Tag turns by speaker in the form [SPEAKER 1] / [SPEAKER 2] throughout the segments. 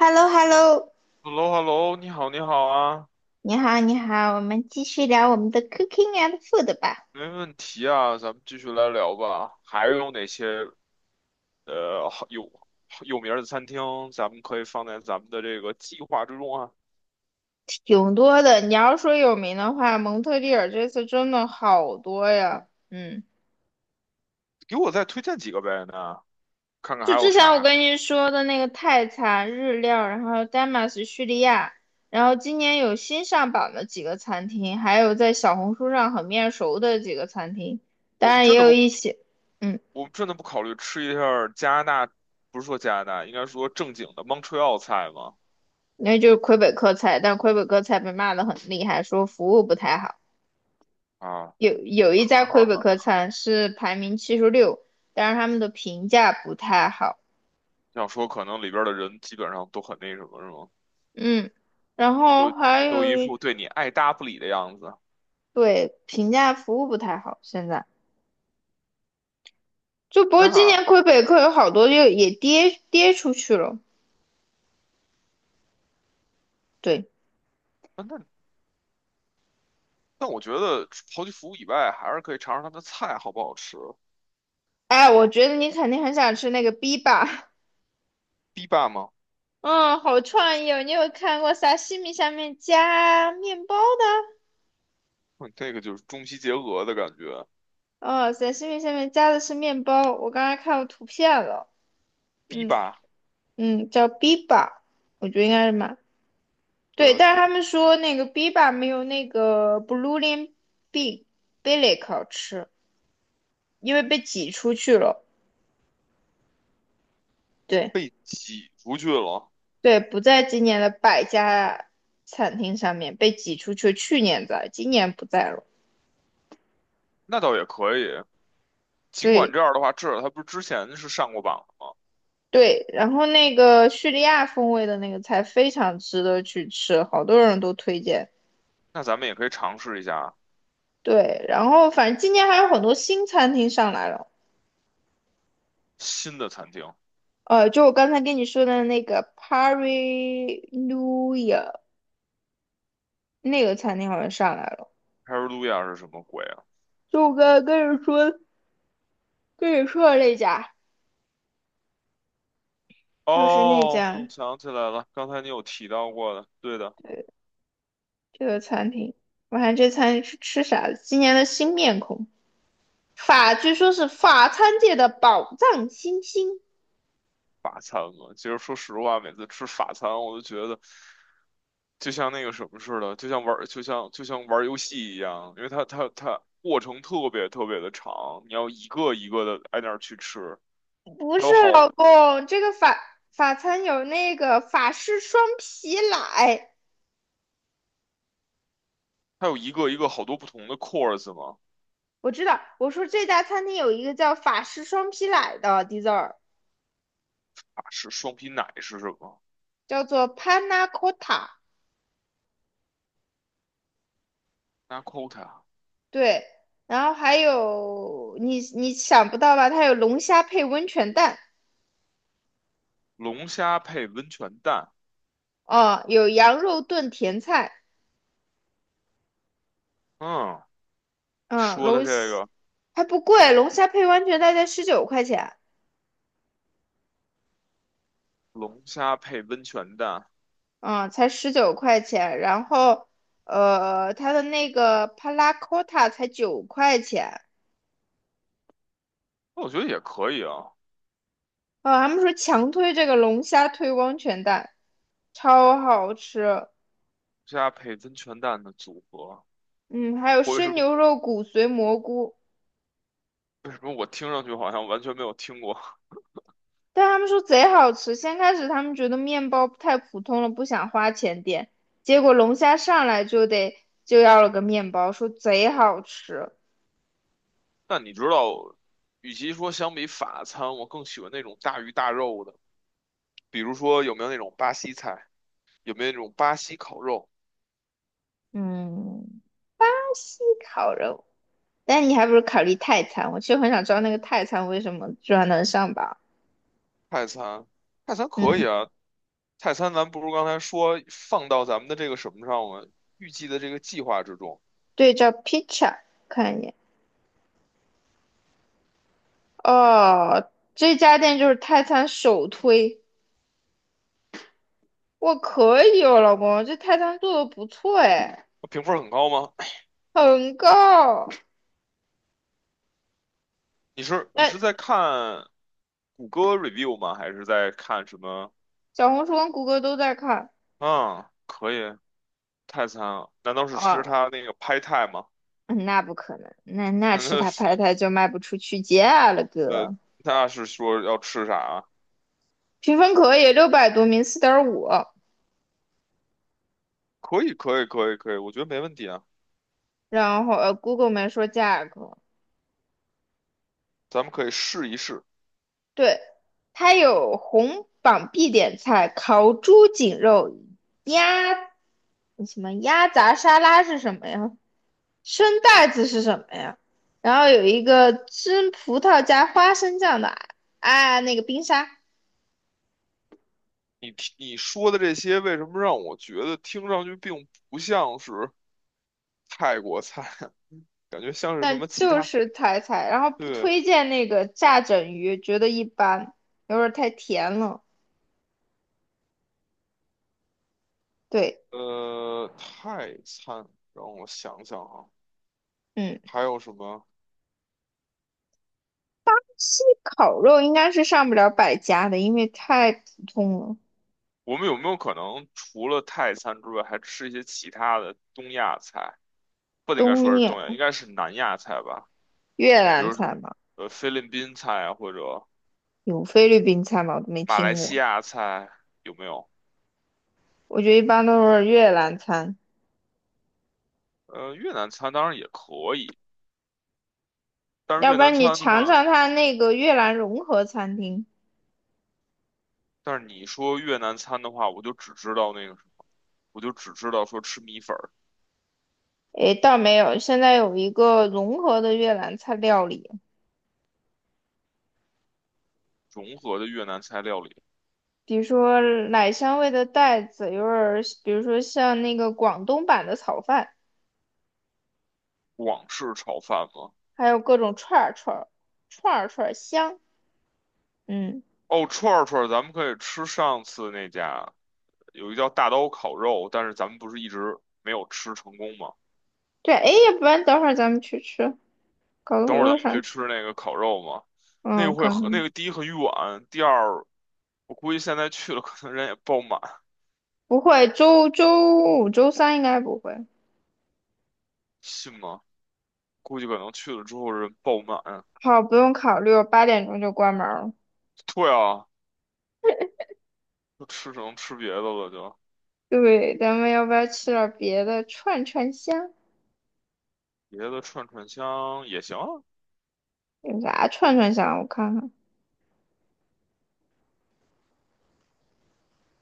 [SPEAKER 1] h e l l o h e l l o
[SPEAKER 2] h e l l o h e l l o 你好，你好啊，
[SPEAKER 1] 你好，你好，我们继续聊我们的 cooking and food 吧。
[SPEAKER 2] 没问题啊，咱们继续来聊吧。还有哪些呃好有有名儿的餐厅，咱们可以放在咱们的这个计划之中啊？
[SPEAKER 1] 挺多的。你要说有名的话，蒙特利尔这次真的好多呀。嗯，
[SPEAKER 2] 给我再推荐几个呗那看看
[SPEAKER 1] 就
[SPEAKER 2] 还有
[SPEAKER 1] 之前我
[SPEAKER 2] 啥。
[SPEAKER 1] 跟你说的那个泰餐、日料，然后丹麦是叙利亚，然后今年有新上榜的几个餐厅，还有在小红书上很面熟的几个餐厅，当
[SPEAKER 2] 我们
[SPEAKER 1] 然也
[SPEAKER 2] 真的
[SPEAKER 1] 有
[SPEAKER 2] 不，
[SPEAKER 1] 一些。嗯，
[SPEAKER 2] 我们真的不考虑吃一下儿加拿大，不是说加拿大，应该说正经的 Montreal 菜吗？
[SPEAKER 1] 那就是魁北克菜，但魁北克菜被骂的很厉害，说服务不太好。
[SPEAKER 2] 啊，
[SPEAKER 1] 有 一家
[SPEAKER 2] 哈哈
[SPEAKER 1] 魁北克
[SPEAKER 2] 哈，
[SPEAKER 1] 餐是排名76，但是他们的评价不太好。
[SPEAKER 2] 想说可能里边儿的人基本上都很那什么，是吗？
[SPEAKER 1] 嗯，然后
[SPEAKER 2] 都
[SPEAKER 1] 还
[SPEAKER 2] 都
[SPEAKER 1] 有
[SPEAKER 2] 一
[SPEAKER 1] 一
[SPEAKER 2] 副对你爱搭不理的样子。
[SPEAKER 1] 对，评价服务不太好，现在就不过今
[SPEAKER 2] 那
[SPEAKER 1] 年魁北克有好多就也跌跌出去了。对，
[SPEAKER 2] 那。但我觉得刨去服务以外，还是可以尝尝它的菜好不好吃。
[SPEAKER 1] 哎，我觉得你肯定很想吃那个 B 吧？
[SPEAKER 2] 堤坝吗？
[SPEAKER 1] 嗯，好创意哦！你有看过沙西米下面加面包的？
[SPEAKER 2] 嗯，这个就是中西结合的感觉。
[SPEAKER 1] 哦，沙西米下面加的是面包，我刚才看到图片了。
[SPEAKER 2] 堤
[SPEAKER 1] 嗯
[SPEAKER 2] 坝，
[SPEAKER 1] 嗯，叫 B 吧，我觉得应该是蛮。
[SPEAKER 2] 对
[SPEAKER 1] 对，
[SPEAKER 2] 啊，
[SPEAKER 1] 但是他们说那个 biba 没有那个 blue lim b bilic 好吃，因为被挤出去了。对
[SPEAKER 2] 被挤出去了，
[SPEAKER 1] 对，不在今年的百家餐厅上面被挤出去，去年在，今年不在了。
[SPEAKER 2] 那倒也可以。尽管
[SPEAKER 1] 对
[SPEAKER 2] 这样的话，至少它不是之前是上过榜的吗？
[SPEAKER 1] 对，然后那个叙利亚风味的那个菜非常值得去吃，好多人都推荐。
[SPEAKER 2] 那咱们也可以尝试一下
[SPEAKER 1] 对，然后反正今年还有很多新餐厅上来了。
[SPEAKER 2] 新的餐厅。
[SPEAKER 1] 就我刚才跟你说的那个 Pari n u i a 那个餐厅好像上来了，
[SPEAKER 2] 哈尔路亚是什么鬼啊？
[SPEAKER 1] 就我刚才跟你说的那家，就是那
[SPEAKER 2] 哦，我
[SPEAKER 1] 家
[SPEAKER 2] 想起来了，刚才你有提到过的，对的。
[SPEAKER 1] 这个餐厅。我看这餐是吃啥的？今年的新面孔，法据说是法餐界的宝藏新星。
[SPEAKER 2] 法餐嘛。其实说实话，每次吃法餐，我都觉得就像那个什么似的，就像玩儿游戏一样，因为它过程特别特别的长，你要一个一个的挨那儿去吃，
[SPEAKER 1] 不
[SPEAKER 2] 它
[SPEAKER 1] 是
[SPEAKER 2] 有好，
[SPEAKER 1] 老公，这个法餐有那个法式双皮奶。
[SPEAKER 2] 它有一个一个好多不同的 course 嘛，
[SPEAKER 1] 我知道。我说这家餐厅有一个叫法式双皮奶的 dessert，
[SPEAKER 2] 啊，是双皮奶是什么
[SPEAKER 1] 叫做 Panna Cotta。
[SPEAKER 2] ？Nakota
[SPEAKER 1] 对，然后还有你想不到吧？它有龙虾配温泉蛋。
[SPEAKER 2] 龙虾配温泉蛋，
[SPEAKER 1] 哦，有羊肉炖甜菜。
[SPEAKER 2] 嗯，
[SPEAKER 1] 嗯，
[SPEAKER 2] 说的
[SPEAKER 1] 龙
[SPEAKER 2] 这
[SPEAKER 1] 虾
[SPEAKER 2] 个
[SPEAKER 1] 还不贵，龙虾配温泉蛋才十九块钱，
[SPEAKER 2] 龙虾配温泉蛋，
[SPEAKER 1] 嗯，才十九块钱。然后，它的那个帕拉 c 塔才9块钱。
[SPEAKER 2] 那我觉得也可以啊，龙
[SPEAKER 1] 啊，他们说强推这个龙虾推温泉蛋，超好吃。
[SPEAKER 2] 虾配温泉蛋的组合，
[SPEAKER 1] 嗯，还有
[SPEAKER 2] 或者是
[SPEAKER 1] 生牛肉骨髓蘑菇，
[SPEAKER 2] 为什么我听上去好像完全没有听过？
[SPEAKER 1] 但他们说贼好吃。先开始他们觉得面包太普通了，不想花钱点，结果龙虾上来就要了个面包，说贼好吃。
[SPEAKER 2] 但你知道，与其说相比法餐，我更喜欢那种大鱼大肉的，比如说有没有那种巴西菜，有没有那种巴西烤肉、
[SPEAKER 1] 嗯，西烤肉，但你还不如考虑泰餐。我其实很想知道那个泰餐为什么居然能上榜。
[SPEAKER 2] 泰餐？泰餐可
[SPEAKER 1] 嗯，
[SPEAKER 2] 以啊，泰餐咱不如刚才说放到咱们的这个什么上吗？预计的这个计划之中，
[SPEAKER 1] 对照 pizza 看一眼。哦，这家店就是泰餐首推。我可以哦，老公，这泰餐做的不错哎。
[SPEAKER 2] 评分很高吗？
[SPEAKER 1] 很高。
[SPEAKER 2] 你是
[SPEAKER 1] 那
[SPEAKER 2] 在看谷歌 review 吗？还是在看什么？
[SPEAKER 1] 小红书跟谷歌都在看
[SPEAKER 2] 嗯，可以，泰餐啊，难道是吃
[SPEAKER 1] 啊。
[SPEAKER 2] 它那个 p 泰吗？
[SPEAKER 1] 嗯那不可能，那那 吃
[SPEAKER 2] 那
[SPEAKER 1] 它拍它就卖不出去价了
[SPEAKER 2] 呃，
[SPEAKER 1] 哥。
[SPEAKER 2] 那是说要吃啥啊？
[SPEAKER 1] 评分可以，600多名，4.5，
[SPEAKER 2] 可以，可以，可以，可以，我觉得没问题啊，
[SPEAKER 1] 然后谷歌 o 没说价格。
[SPEAKER 2] 咱们可以试一试。
[SPEAKER 1] 对，它有红榜必点菜，烤猪颈肉、鸭什么鸭杂沙拉是什么呀？生带子是什么呀？然后有一个蒸葡萄加花生酱的啊，那个冰沙。
[SPEAKER 2] 你你说的这些，为什么让我觉得听上去并不像是泰国菜，感觉像是什
[SPEAKER 1] 但
[SPEAKER 2] 么其
[SPEAKER 1] 就
[SPEAKER 2] 他？
[SPEAKER 1] 是踩踩，然后不
[SPEAKER 2] 对，
[SPEAKER 1] 推荐那个炸整鱼，觉得一般，有点儿太甜了。对。
[SPEAKER 2] 泰餐，让我想想啊，
[SPEAKER 1] 嗯，
[SPEAKER 2] 还有什么？
[SPEAKER 1] 西烤肉应该是上不了百家的，因为太普通了。
[SPEAKER 2] 我们有没有可能除了泰餐之外，还吃一些其他的东亚菜？不应该
[SPEAKER 1] 东
[SPEAKER 2] 说是
[SPEAKER 1] 面
[SPEAKER 2] 东亚，应该是南亚菜吧？
[SPEAKER 1] 越
[SPEAKER 2] 比
[SPEAKER 1] 南
[SPEAKER 2] 如说，
[SPEAKER 1] 菜嘛，
[SPEAKER 2] 菲律宾菜啊，或者。
[SPEAKER 1] 有菲律宾菜吗？我都没
[SPEAKER 2] 马来
[SPEAKER 1] 听
[SPEAKER 2] 西
[SPEAKER 1] 过。
[SPEAKER 2] 亚菜有没有？
[SPEAKER 1] 我觉得一般都是越南餐，
[SPEAKER 2] 越南餐当然也可以，但是
[SPEAKER 1] 要
[SPEAKER 2] 越
[SPEAKER 1] 不
[SPEAKER 2] 南
[SPEAKER 1] 然你
[SPEAKER 2] 餐的
[SPEAKER 1] 尝
[SPEAKER 2] 话，
[SPEAKER 1] 尝它那个越南融合餐厅。
[SPEAKER 2] 但是你说越南餐的话，我就只知道那个什么，我就只知道说吃米粉儿，
[SPEAKER 1] 诶，倒没有，现在有一个融合的越南菜料理。
[SPEAKER 2] 融合的越南菜料理，
[SPEAKER 1] 比如说奶香味的袋子，有点儿，比如说像那个广东版的炒饭，
[SPEAKER 2] 广式炒饭嘛。
[SPEAKER 1] 还有各种串儿串儿，串儿串儿香。嗯，
[SPEAKER 2] 哦，串儿串儿，咱们可以吃上次那家有一个叫大刀烤肉，但是咱们不是一直没有吃成功吗？
[SPEAKER 1] 对，哎，要不然等会儿咱们去吃，搞得
[SPEAKER 2] 等
[SPEAKER 1] 我
[SPEAKER 2] 会儿咱
[SPEAKER 1] 都
[SPEAKER 2] 们去
[SPEAKER 1] 想。
[SPEAKER 2] 吃那个烤肉嘛，那
[SPEAKER 1] 嗯，
[SPEAKER 2] 个
[SPEAKER 1] 我
[SPEAKER 2] 会
[SPEAKER 1] 看
[SPEAKER 2] 和那
[SPEAKER 1] 看，
[SPEAKER 2] 个第一很远，第二我估计现在去了可能人也爆满，
[SPEAKER 1] 不会，周五、周三应该不会。
[SPEAKER 2] 信吗？估计可能去了之后人爆满。
[SPEAKER 1] 好，不用考虑，我8点钟就关门了。
[SPEAKER 2] 对啊，只能吃别的了就，
[SPEAKER 1] 对，咱们要不要吃点别的串串香？
[SPEAKER 2] 别的串串香也行。
[SPEAKER 1] 有啥串串香？我看看，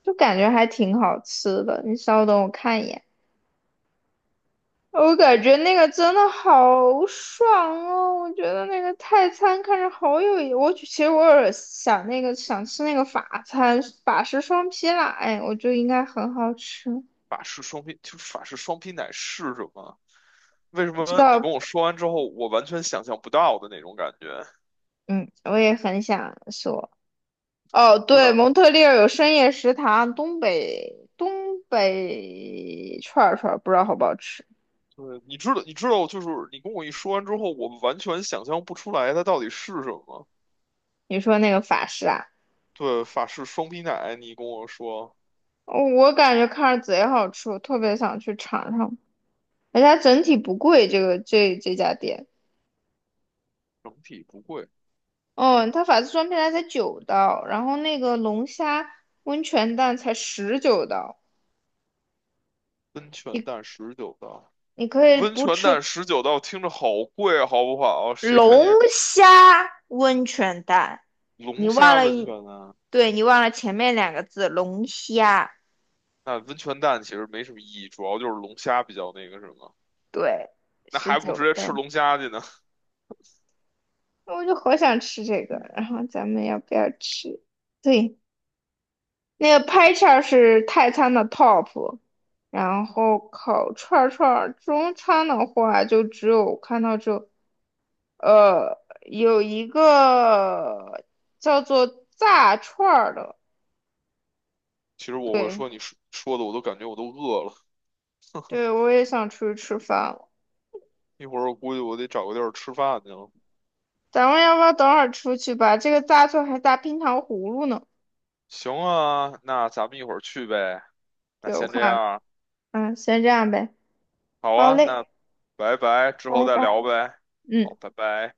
[SPEAKER 1] 就感觉还挺好吃的。你稍等，我看一眼。我感觉那个真的好爽哦！我觉得那个泰餐看着好有意，我其实我有想那个想吃那个法餐，法式双皮奶，哎我觉得应该很好吃。
[SPEAKER 2] 法式双皮，就是法式双皮奶是什么？为什
[SPEAKER 1] 不知
[SPEAKER 2] 么你跟
[SPEAKER 1] 道。
[SPEAKER 2] 我说完之后，我完全想象不到的那种感觉？
[SPEAKER 1] 嗯，我也很想说。哦，
[SPEAKER 2] 对
[SPEAKER 1] 对，
[SPEAKER 2] 啊，
[SPEAKER 1] 蒙特利尔有深夜食堂，东北东北串儿串儿不知道好不好吃。
[SPEAKER 2] 对，你知道，你知道，就是你跟我一说完之后，我完全想象不出来它到底是什么。
[SPEAKER 1] 你说那个法式啊，
[SPEAKER 2] 对，法式双皮奶，你跟我说
[SPEAKER 1] 哦我感觉看着贼好吃，我特别想去尝尝。而且它整体不贵，这个这家店。
[SPEAKER 2] 整体不贵，
[SPEAKER 1] 嗯，它法式双皮奶才九刀，然后那个龙虾温泉蛋才十九刀。
[SPEAKER 2] 温泉蛋
[SPEAKER 1] 你
[SPEAKER 2] 19刀。
[SPEAKER 1] 你可以
[SPEAKER 2] 温
[SPEAKER 1] 不
[SPEAKER 2] 泉
[SPEAKER 1] 吃
[SPEAKER 2] 蛋19道听着好贵啊，好不好？谁跟
[SPEAKER 1] 龙
[SPEAKER 2] 你
[SPEAKER 1] 虾温泉蛋。你
[SPEAKER 2] 龙
[SPEAKER 1] 忘
[SPEAKER 2] 虾
[SPEAKER 1] 了
[SPEAKER 2] 温
[SPEAKER 1] 一，
[SPEAKER 2] 泉呢？
[SPEAKER 1] 对你忘了前面两个字龙虾，
[SPEAKER 2] 那温泉蛋其实没什么意义，主要就是龙虾比较那个什么。
[SPEAKER 1] 对，
[SPEAKER 2] 那
[SPEAKER 1] 十
[SPEAKER 2] 还不如直
[SPEAKER 1] 九
[SPEAKER 2] 接吃
[SPEAKER 1] 刀。
[SPEAKER 2] 龙虾去呢？
[SPEAKER 1] 那我就好想吃这个，然后咱们要不要吃？对，那个拍叉是泰餐的 top。然后烤串儿串儿中餐的话就只有看到只有有一个叫做炸串儿的。
[SPEAKER 2] 其实我会
[SPEAKER 1] 对
[SPEAKER 2] 说你说说的，我都感觉我都饿了。
[SPEAKER 1] 对，我也想出去吃饭了。
[SPEAKER 2] 一会儿我估计我得找个地儿吃饭去了。
[SPEAKER 1] 咱们要不要等会儿出去吧？这个炸串还炸冰糖葫芦呢。
[SPEAKER 2] 行啊，那咱们一会儿去呗。那
[SPEAKER 1] 对，我
[SPEAKER 2] 先这
[SPEAKER 1] 看。
[SPEAKER 2] 样，
[SPEAKER 1] 先这样呗。
[SPEAKER 2] 好
[SPEAKER 1] 好
[SPEAKER 2] 啊，那
[SPEAKER 1] 嘞，
[SPEAKER 2] 拜拜，之后
[SPEAKER 1] 拜
[SPEAKER 2] 再
[SPEAKER 1] 拜。
[SPEAKER 2] 聊呗。好，
[SPEAKER 1] 嗯。
[SPEAKER 2] 拜拜。